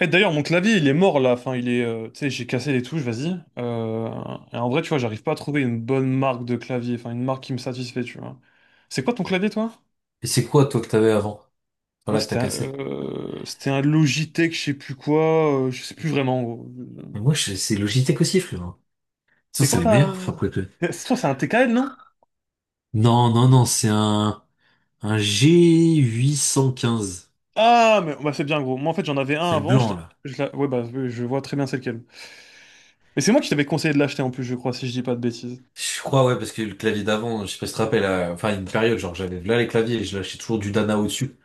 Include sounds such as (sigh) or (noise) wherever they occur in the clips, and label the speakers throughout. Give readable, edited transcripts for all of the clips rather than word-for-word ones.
Speaker 1: Eh, d'ailleurs, mon clavier, il est mort là. Enfin, il est, tu sais, j'ai cassé les touches, vas-y. Euh, et en vrai, tu vois, j'arrive pas à trouver une bonne marque de clavier, enfin, une marque qui me satisfait, tu vois. C'est quoi ton clavier, toi?
Speaker 2: Et c'est quoi, toi, que t'avais avant?
Speaker 1: Moi,
Speaker 2: Voilà, que t'as
Speaker 1: c'était un,
Speaker 2: cassé.
Speaker 1: euh, c'était un Logitech, je sais plus quoi, je sais plus vraiment, gros.
Speaker 2: Mais moi, c'est Logitech aussi, frérot. Ça,
Speaker 1: C'est
Speaker 2: c'est
Speaker 1: quoi
Speaker 2: les
Speaker 1: ta.
Speaker 2: meilleurs, frère, pour les clés.
Speaker 1: C'est toi, c'est un TKL, non?
Speaker 2: Non, non, non, c'est un G815.
Speaker 1: Ah, mais bah, c'est bien, gros. Moi, en fait, j'en avais un
Speaker 2: C'est le
Speaker 1: avant. Je,
Speaker 2: blanc,
Speaker 1: l'ai-
Speaker 2: là.
Speaker 1: je l'ai- ouais, bah, je vois très bien c'est lequel. Mais c'est moi qui t'avais conseillé de l'acheter en plus, je crois, si je dis pas de bêtises.
Speaker 2: Je crois, ouais, parce que le clavier d'avant, je sais pas si tu te rappelles, enfin, une période, genre, j'avais là les claviers et je lâchais toujours du Dana au-dessus.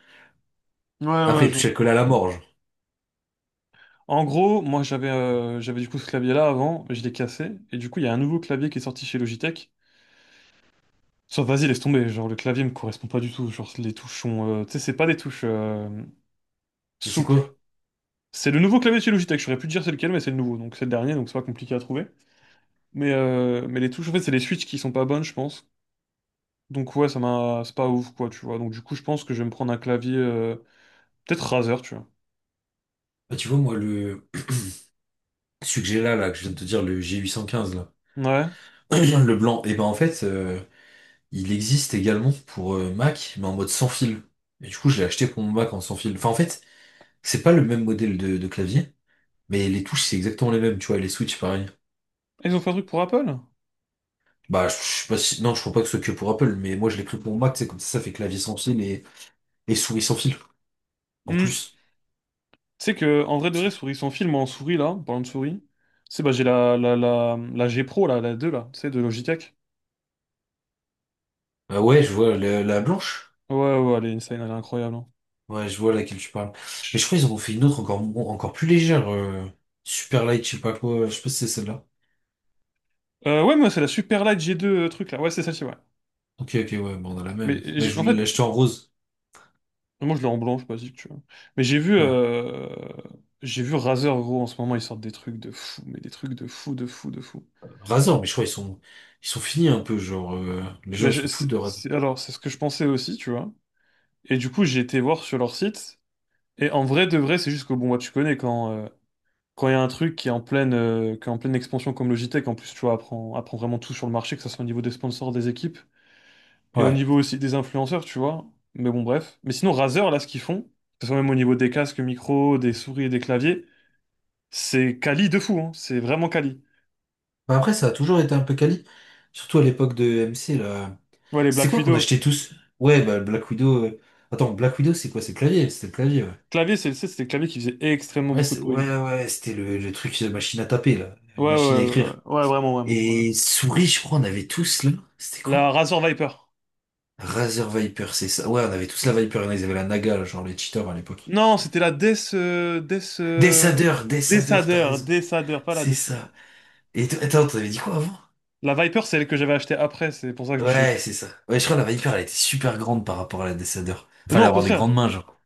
Speaker 1: Ouais,
Speaker 2: Après,
Speaker 1: ouais,
Speaker 2: il
Speaker 1: je
Speaker 2: touchait le collet à la mort, genre.
Speaker 1: En gros, moi j'avais du coup ce clavier-là avant, je l'ai cassé, et du coup il y a un nouveau clavier qui est sorti chez Logitech. Sauf vas-y, laisse tomber, genre le clavier me correspond pas du tout, genre les touches sont, tu sais, c'est pas des touches
Speaker 2: Mais c'est
Speaker 1: souples.
Speaker 2: quoi?
Speaker 1: C'est le nouveau clavier de chez Logitech, je saurais plus te dire c'est lequel, mais c'est le nouveau, donc c'est le dernier, donc c'est pas compliqué à trouver. Mais les touches, en fait, c'est les switches qui sont pas bonnes, je pense. Donc ouais, ça m'a... c'est pas ouf, quoi, tu vois. Donc du coup, je pense que je vais me prendre un clavier... peut-être Razer, tu vois.
Speaker 2: Bah, tu vois, moi, celui que j'ai là, là, que je viens de te dire, le G815, là.
Speaker 1: Ouais. Ah,
Speaker 2: (clears throat) Le blanc. Et ben, en fait, il existe également pour Mac, mais en mode sans fil. Et du coup, je l'ai acheté pour mon Mac en sans fil. Enfin, en fait, c'est pas le même modèle de clavier, mais les touches, c'est exactement les mêmes, tu vois, et les switches, pareil.
Speaker 1: ils ont fait un truc pour Apple?
Speaker 2: Bah, je sais pas si... Non, je crois pas que ce soit que pour Apple, mais moi, je l'ai pris pour mon Mac, c'est comme ça fait clavier sans fil et souris sans fil, en
Speaker 1: Hmm.
Speaker 2: plus.
Speaker 1: Tu sais que, en vrai de vrai, souris, son film en souris, là, en parlant de souris, c'est bah j'ai la G Pro, là, la 2 là, tu sais, de Logitech.
Speaker 2: Ah ouais, je vois la blanche.
Speaker 1: Ouais, ouais, ouais, elle est insane, elle est incroyable, hein.
Speaker 2: Ouais, je vois laquelle tu parles. Mais je
Speaker 1: Chut.
Speaker 2: crois qu'ils en ont fait une autre encore, encore plus légère. Super light, je sais pas quoi. Je sais pas si c'est celle-là.
Speaker 1: Ouais, moi, c'est la Super Light G2 truc, là. Ouais, c'est celle-ci, ouais.
Speaker 2: Ok, ok, ouais, bon, on a la
Speaker 1: Mais
Speaker 2: même. Mais je
Speaker 1: en
Speaker 2: voulais
Speaker 1: fait,
Speaker 2: l'acheter en rose.
Speaker 1: moi, je l'ai en blanc, je sais pas si tu vois. Mais j'ai vu,
Speaker 2: Ouais.
Speaker 1: euh, j'ai vu Razer, gros, en ce moment, ils sortent des trucs de fou, mais des trucs de fou, de fou, de fou.
Speaker 2: Razor, mais je crois ils sont finis un peu, genre, les gens
Speaker 1: Ben,
Speaker 2: ils s'en foutent de Razor.
Speaker 1: alors, c'est ce que je pensais aussi, tu vois. Et du coup, j'ai été voir sur leur site. Et en vrai de vrai, c'est juste que, bon, moi, tu connais quand il y a un truc qui est en pleine expansion comme Logitech, en plus, tu vois, apprend vraiment tout sur le marché, que ce soit au niveau des sponsors, des équipes, et au
Speaker 2: Ouais.
Speaker 1: niveau aussi des influenceurs, tu vois. Mais bon, bref. Mais sinon, Razer, là, ce qu'ils font, que ce soit même au niveau des casques, micros, des souris et des claviers, c'est quali de fou, hein. C'est vraiment quali.
Speaker 2: Bah après, ça a toujours été un peu quali, surtout à l'époque de MC, là.
Speaker 1: Ouais, les
Speaker 2: C'était
Speaker 1: Black
Speaker 2: quoi qu'on
Speaker 1: Widow.
Speaker 2: achetait tous? Ouais, bah, le Black Widow. Attends, Black Widow, c'est quoi? C'est le clavier? C'était le clavier, ouais.
Speaker 1: Clavier, c'était des claviers qui faisait extrêmement
Speaker 2: Ouais,
Speaker 1: beaucoup de
Speaker 2: ouais,
Speaker 1: bruit.
Speaker 2: ouais, c'était le truc de machine à taper, là.
Speaker 1: Ouais, ouais,
Speaker 2: Machine à
Speaker 1: ouais, ouais,
Speaker 2: écrire.
Speaker 1: ouais, vraiment, vraiment, ouais.
Speaker 2: Et souris, je crois, on avait tous, là. C'était quoi?
Speaker 1: La Razer Viper.
Speaker 2: Razer Viper, c'est ça. Ouais, on avait tous la Viper, il y en a, ils avaient la Naga, là, genre les cheaters à l'époque.
Speaker 1: Non, c'était la Death, euh, Death, euh,
Speaker 2: Dessadeur,
Speaker 1: Death
Speaker 2: Dessadeur, t'as
Speaker 1: Adder,
Speaker 2: raison.
Speaker 1: Death Adder, pas la
Speaker 2: C'est
Speaker 1: Death.
Speaker 2: ça. Et attends, t'avais dit quoi avant?
Speaker 1: La Viper, c'est elle que j'avais achetée après, c'est pour ça que je me suis...
Speaker 2: Ouais, c'est ça. Ouais, je crois que la Viper, elle était super grande par rapport à la Descender. Fallait
Speaker 1: Non, au
Speaker 2: avoir des
Speaker 1: contraire.
Speaker 2: grandes mains, genre.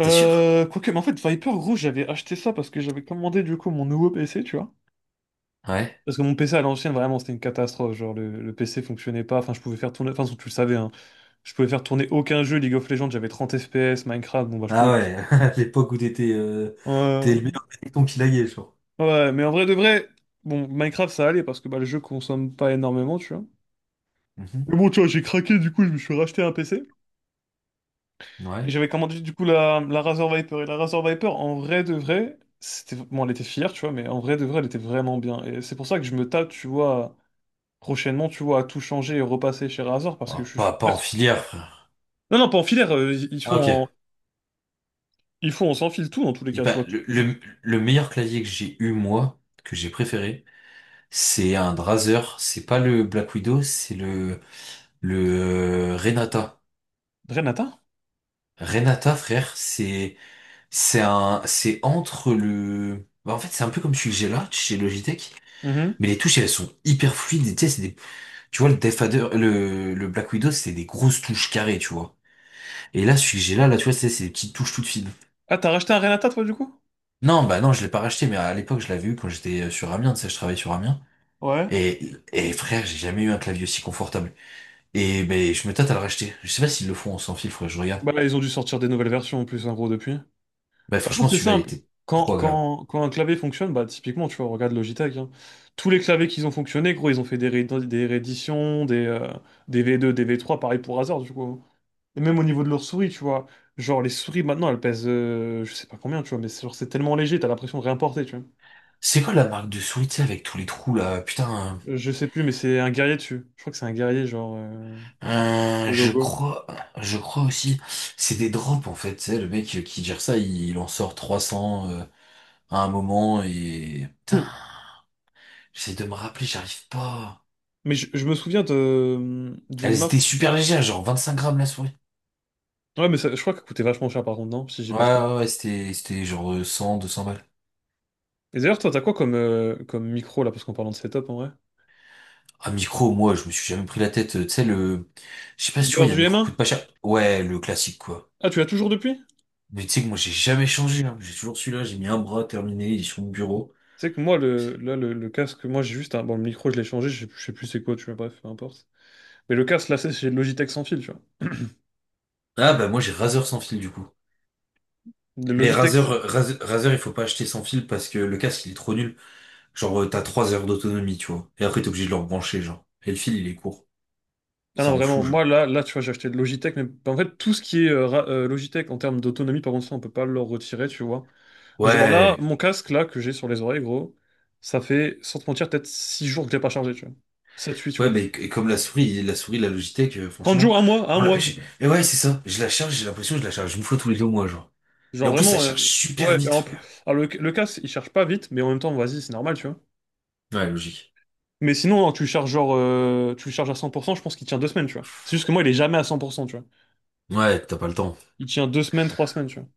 Speaker 2: T'es sûr?
Speaker 1: Quoique, mais en fait, Viper, gros, j'avais acheté ça parce que j'avais commandé du coup mon nouveau PC, tu vois.
Speaker 2: Ouais.
Speaker 1: Parce que mon PC à l'ancienne, vraiment, c'était une catastrophe. Genre, le PC fonctionnait pas. Enfin, je pouvais faire tourner. Enfin, tu le savais, hein. Je pouvais faire tourner aucun jeu. League of Legends, j'avais 30 FPS. Minecraft, bon, bah, je pouvais.
Speaker 2: Ah
Speaker 1: pas.
Speaker 2: ouais, (laughs) à l'époque où t'étais t'es
Speaker 1: Euh,
Speaker 2: le meilleur péloton qui laguait, genre.
Speaker 1: Ouais, mais en vrai de vrai, bon, Minecraft, ça allait parce que bah, le jeu consomme pas énormément, tu vois.
Speaker 2: Mhm.
Speaker 1: Mais bon, tu vois, j'ai craqué, du coup, je me suis racheté un PC. Et
Speaker 2: Ouais.
Speaker 1: j'avais commandé du coup la Razor Viper. Et la Razor Viper, en vrai de vrai, c'était, bon, elle était fière, tu vois, mais en vrai de vrai, elle était vraiment bien. Et c'est pour ça que je me tape, tu vois, prochainement, tu vois, à tout changer et repasser chez Razor parce
Speaker 2: Oh,
Speaker 1: que je
Speaker 2: pas,
Speaker 1: suis
Speaker 2: pas en
Speaker 1: perçu.
Speaker 2: filière, frère.
Speaker 1: Non, non, pas en filaire, ils ils
Speaker 2: Ah
Speaker 1: font en,
Speaker 2: ok.
Speaker 1: ils font en sans fil tout dans tous les
Speaker 2: Et
Speaker 1: cas, tu
Speaker 2: bah,
Speaker 1: vois.
Speaker 2: le meilleur clavier que j'ai eu, moi, que j'ai préféré, c'est un Drazer. C'est pas le Black Widow, c'est le Renata.
Speaker 1: Renata?
Speaker 2: Renata, frère, c'est... C'est entre bah, en fait, c'est un peu comme celui que j'ai là, chez Logitech,
Speaker 1: Mhm.
Speaker 2: mais les touches, elles sont hyper fluides, et tu sais, c'est des, tu vois, le le Black Widow, c'est des grosses touches carrées, tu vois. Et là, celui que j'ai là, là, tu vois, c'est des petites touches toutes fines.
Speaker 1: Ah, t'as racheté un Renata, toi, du coup?
Speaker 2: Non, bah non, je l'ai pas racheté, mais à l'époque, je l'avais eu quand j'étais sur Amiens, tu sais, je travaillais sur Amiens.
Speaker 1: Ouais.
Speaker 2: Et frère, j'ai jamais eu un clavier aussi confortable. Et ben, je me tâte à le racheter. Je sais pas s'ils le font en sans fil, faudrait que je regarde.
Speaker 1: Bah, ils ont dû sortir des nouvelles versions en plus, en gros, depuis. De toute
Speaker 2: Bah,
Speaker 1: façon,
Speaker 2: franchement,
Speaker 1: c'est
Speaker 2: celui-là, il
Speaker 1: simple.
Speaker 2: était
Speaker 1: Quand,
Speaker 2: trop agréable.
Speaker 1: quand, quand un clavier fonctionne, bah, typiquement, tu vois, regarde Logitech, hein. Tous les claviers qu'ils ont fonctionné, gros, ils ont fait des rééditions, des V2, des V3, pareil pour Razer, du coup, hein. Et même au niveau de leurs souris, tu vois. Genre, les souris, maintenant, elles pèsent, je sais pas combien, tu vois, mais c'est genre, c'est tellement léger, t'as l'impression de rien porter, tu vois.
Speaker 2: C'est quoi la marque de souris, tu sais, avec tous les trous, là? Putain,
Speaker 1: Je sais plus, mais c'est un guerrier dessus. Je crois que c'est un guerrier, genre,
Speaker 2: Euh,
Speaker 1: le
Speaker 2: je
Speaker 1: logo.
Speaker 2: crois, je crois aussi, c'est des drops en fait. Tu sais, le mec qui gère ça, il en sort 300 à un moment et putain,
Speaker 1: (clears throat)
Speaker 2: j'essaie de me rappeler, j'arrive pas.
Speaker 1: Mais je me souviens d'une
Speaker 2: Elles étaient
Speaker 1: marque.
Speaker 2: super légères, genre 25 grammes la souris.
Speaker 1: Ouais, mais je crois qu'elle coûtait vachement cher, par contre, non? Si j'ai
Speaker 2: Ouais,
Speaker 1: pas de conneries.
Speaker 2: ouais, ouais, c'était genre 100, 200 balles.
Speaker 1: Et d'ailleurs, toi, t'as quoi comme micro là, parce qu'en parlant de setup en vrai?
Speaker 2: Un micro, moi, je me suis jamais pris la tête. Tu sais je sais pas si tu vois,
Speaker 1: Beurre
Speaker 2: il y a un
Speaker 1: du m
Speaker 2: micro
Speaker 1: un.
Speaker 2: coûte pas cher. Ouais, le classique quoi.
Speaker 1: Ah, tu l'as toujours depuis?
Speaker 2: Mais tu sais que moi j'ai jamais changé, hein. J'ai toujours celui-là, j'ai mis un bras terminé, il est sur mon bureau.
Speaker 1: Tu sais que moi, le casque, moi j'ai juste un. Bon, le micro, je l'ai changé, je sais plus c'est quoi, tu vois, bref, peu importe. Mais le casque, là, c'est le Logitech sans fil, tu vois.
Speaker 2: Ah bah moi j'ai Razer sans fil du coup.
Speaker 1: Le
Speaker 2: Mais
Speaker 1: Logitech.
Speaker 2: Razer,
Speaker 1: c'est-
Speaker 2: Razer, Razer, il faut pas acheter sans fil parce que le casque, il est trop nul. Genre, t'as 3 heures d'autonomie, tu vois. Et après, t'es obligé de le rebrancher, genre. Et le fil, il est court.
Speaker 1: Ah
Speaker 2: Ça
Speaker 1: non,
Speaker 2: en
Speaker 1: vraiment,
Speaker 2: fout, genre.
Speaker 1: moi là, là, tu vois, j'ai acheté le Logitech, mais en fait, tout ce qui est Logitech en termes d'autonomie, par contre, ça, on peut pas le retirer, tu vois. Genre là,
Speaker 2: Ouais.
Speaker 1: mon casque là, que j'ai sur les oreilles, gros, ça fait, sans te mentir, peut-être 6 jours que je l'ai pas chargé, tu vois. 7-8
Speaker 2: Ouais,
Speaker 1: jours, tu vois.
Speaker 2: mais et comme la souris, la Logitech,
Speaker 1: 30
Speaker 2: franchement.
Speaker 1: jours, 1 mois, un mois.
Speaker 2: Et ouais, c'est ça. Je la charge, j'ai l'impression que je la charge une fois tous les deux mois, genre. Et
Speaker 1: Genre
Speaker 2: en plus, ça
Speaker 1: vraiment,
Speaker 2: charge super
Speaker 1: ouais, et
Speaker 2: vite,
Speaker 1: en plus-
Speaker 2: frère.
Speaker 1: Alors le casse, il charge pas vite, mais en même temps, vas-y, c'est normal, tu vois.
Speaker 2: Ouais, logique.
Speaker 1: Mais sinon, hein, tu le charges à 100%, je pense qu'il tient 2 semaines, tu vois. C'est juste que moi, il est jamais à 100%, tu vois.
Speaker 2: Ouais, t'as pas le temps.
Speaker 1: Il tient 2 semaines, 3 semaines, tu vois.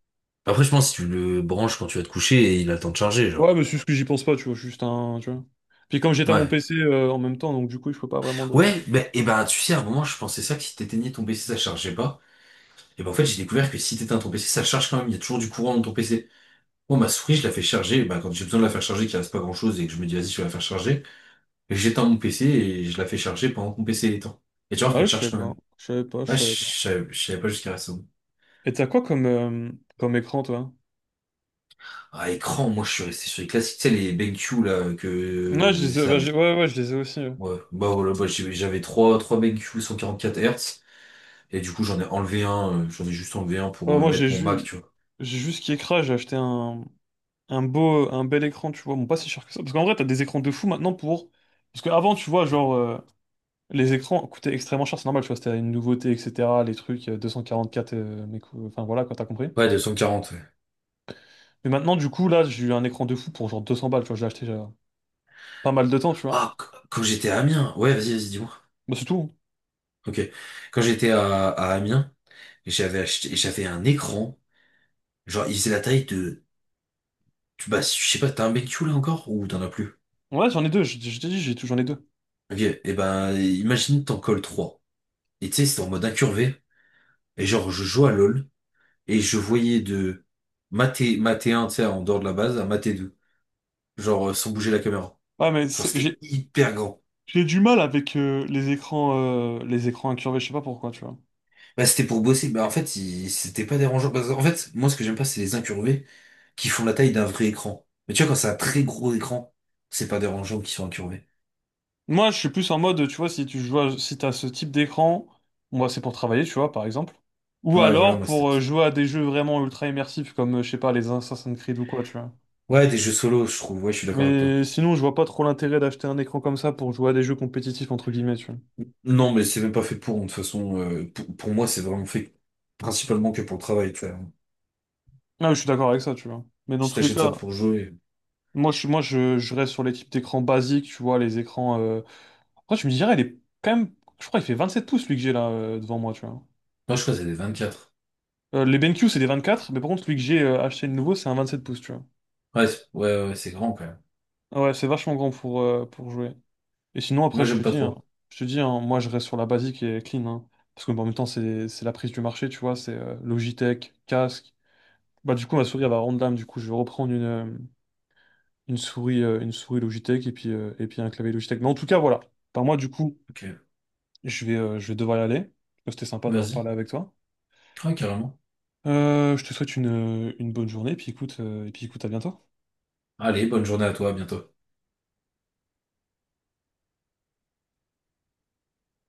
Speaker 2: Après, je pense que si tu le branches quand tu vas te coucher, et il a le temps de charger,
Speaker 1: Ouais,
Speaker 2: genre.
Speaker 1: mais c'est juste que j'y pense pas, tu vois, je suis juste un, tu vois. Puis comme j'étais à mon
Speaker 2: Ouais.
Speaker 1: PC en même temps, donc du coup, je peux pas vraiment le...
Speaker 2: Ouais, bah, et ben, tu sais, à un moment, je pensais ça que si t'éteignais ton PC, ça chargeait pas. Et ben en fait, j'ai découvert que si t'éteins ton PC, ça charge quand même, il y a toujours du courant dans ton PC. Moi, ma souris, je la fais charger, ben, quand j'ai besoin de la faire charger, qu'il reste pas grand-chose et que je me dis, vas-y, je vais la faire charger, j'éteins mon PC et je la fais charger pendant que mon PC est éteint. Et tu vois
Speaker 1: Ouais,
Speaker 2: qu'elle
Speaker 1: je
Speaker 2: charge
Speaker 1: sais
Speaker 2: quand
Speaker 1: pas,
Speaker 2: même.
Speaker 1: je savais pas, je
Speaker 2: Ouais, je
Speaker 1: savais pas.
Speaker 2: savais je savais pas jusqu'à récemment.
Speaker 1: Et t'as quoi comme écran, toi?
Speaker 2: Ah, écran, moi, je suis resté sur les classiques, tu sais, les BenQ, là, que
Speaker 1: Ouais, je les ai,
Speaker 2: ça
Speaker 1: bah,
Speaker 2: avait.
Speaker 1: ouais, ouais, je les ai aussi, ouais.
Speaker 2: Ouais, bah voilà, bah, j'avais trois BenQ 144 Hz, et du coup, j'en ai enlevé un, j'en ai juste enlevé un pour
Speaker 1: Ouais, moi, j'ai
Speaker 2: mettre mon Mac,
Speaker 1: juste,
Speaker 2: tu vois.
Speaker 1: j'ai juste qui écrase, j'ai acheté un bel écran, tu vois, bon, pas si cher que ça. Parce qu'en vrai, t'as des écrans de fou maintenant pour. Parce qu'avant, tu vois, genre, les écrans coûtaient extrêmement cher, c'est normal, tu vois, c'était une nouveauté, etc. Les trucs, 244, mais enfin voilà, quand t'as compris.
Speaker 2: Ouais, 240, ouais.
Speaker 1: Mais maintenant, du coup, là, j'ai eu un écran de fou pour genre 200 balles, tu vois, je l'ai acheté il y a pas mal de temps, tu vois.
Speaker 2: Ah, quand j'étais à Amiens, ouais, vas-y, vas-y, dis-moi.
Speaker 1: Bah, c'est tout.
Speaker 2: Ok. Quand j'étais à Amiens, j'avais un écran. Genre, il faisait la taille de, bah, je sais pas, t'as un BQ là encore ou t'en as plus?
Speaker 1: Ouais, j'en ai deux, je t'ai dit, j'ai tout, j'en ai deux.
Speaker 2: Ok. Et ben, imagine t'en colles trois. Et tu sais, c'était en mode incurvé. Et genre, je jouais à LoL et je voyais de maté, maté un, tu sais, en dehors de la base, à maté 2. Genre, sans bouger la caméra.
Speaker 1: Ouais, mais
Speaker 2: Genre, c'était
Speaker 1: j'ai
Speaker 2: hyper grand.
Speaker 1: j'ai du mal avec les écrans incurvés, je sais pas pourquoi, tu vois.
Speaker 2: Bah, c'était pour bosser. Bah, en fait, c'était pas dérangeant. Parce qu'en fait, moi, ce que j'aime pas, c'est les incurvés qui font la taille d'un vrai écran. Mais tu vois, quand c'est un très gros écran, c'est pas dérangeant qu'ils soient incurvés.
Speaker 1: Moi, je suis plus en mode, tu vois, si tu joues, si t'as ce type d'écran, moi, c'est pour travailler, tu vois, par exemple. Ou
Speaker 2: Ouais, voilà,
Speaker 1: alors
Speaker 2: moi, c'était
Speaker 1: pour
Speaker 2: pas ça.
Speaker 1: jouer à des jeux vraiment ultra immersifs, comme, je sais pas, les Assassin's Creed ou quoi, tu vois.
Speaker 2: Ouais, des jeux solo, je trouve. Ouais, je suis d'accord avec toi.
Speaker 1: Mais sinon, je vois pas trop l'intérêt d'acheter un écran comme ça pour jouer à des jeux compétitifs, entre guillemets, tu vois.
Speaker 2: Non, mais c'est même pas fait pour, hein. De toute façon, pour moi, c'est vraiment fait principalement que pour le travail, tu vois.
Speaker 1: Ah, mais je suis d'accord avec ça, tu vois. Mais dans
Speaker 2: Si
Speaker 1: tous les
Speaker 2: t'achètes ça
Speaker 1: cas,
Speaker 2: pour jouer.
Speaker 1: moi, je reste sur les types d'écran basiques, tu vois, les écrans. Après, tu me dirais, il est quand même... Je crois il fait 27 pouces, lui, que j'ai là, devant moi, tu vois.
Speaker 2: Moi, je crois que c'est des 24.
Speaker 1: Les BenQ, c'est des 24, mais par contre, celui que j'ai acheté le nouveau, c'est un 27 pouces, tu vois.
Speaker 2: Ouais, ouais, ouais, c'est grand quand même.
Speaker 1: Ah ouais, c'est vachement grand pour jouer. Et sinon, après,
Speaker 2: Moi,
Speaker 1: je te
Speaker 2: j'aime pas
Speaker 1: dis, hein,
Speaker 2: trop.
Speaker 1: je te dis, hein, moi, je reste sur la basique et clean, hein. Parce que, bon, en même temps, c'est la prise du marché, tu vois, c'est Logitech, casque. Bah, du coup, ma souris, elle va rendre l'âme. Du coup, je vais reprendre une souris Logitech et puis un clavier Logitech. Mais en tout cas, voilà. Par moi, du coup,
Speaker 2: Ok,
Speaker 1: je vais devoir y aller. C'était sympa d'avoir
Speaker 2: vas-y.
Speaker 1: parlé avec toi.
Speaker 2: Ouais, carrément.
Speaker 1: Je te souhaite une bonne journée. Et puis, écoute, à bientôt.
Speaker 2: Allez, bonne journée à toi, à bientôt.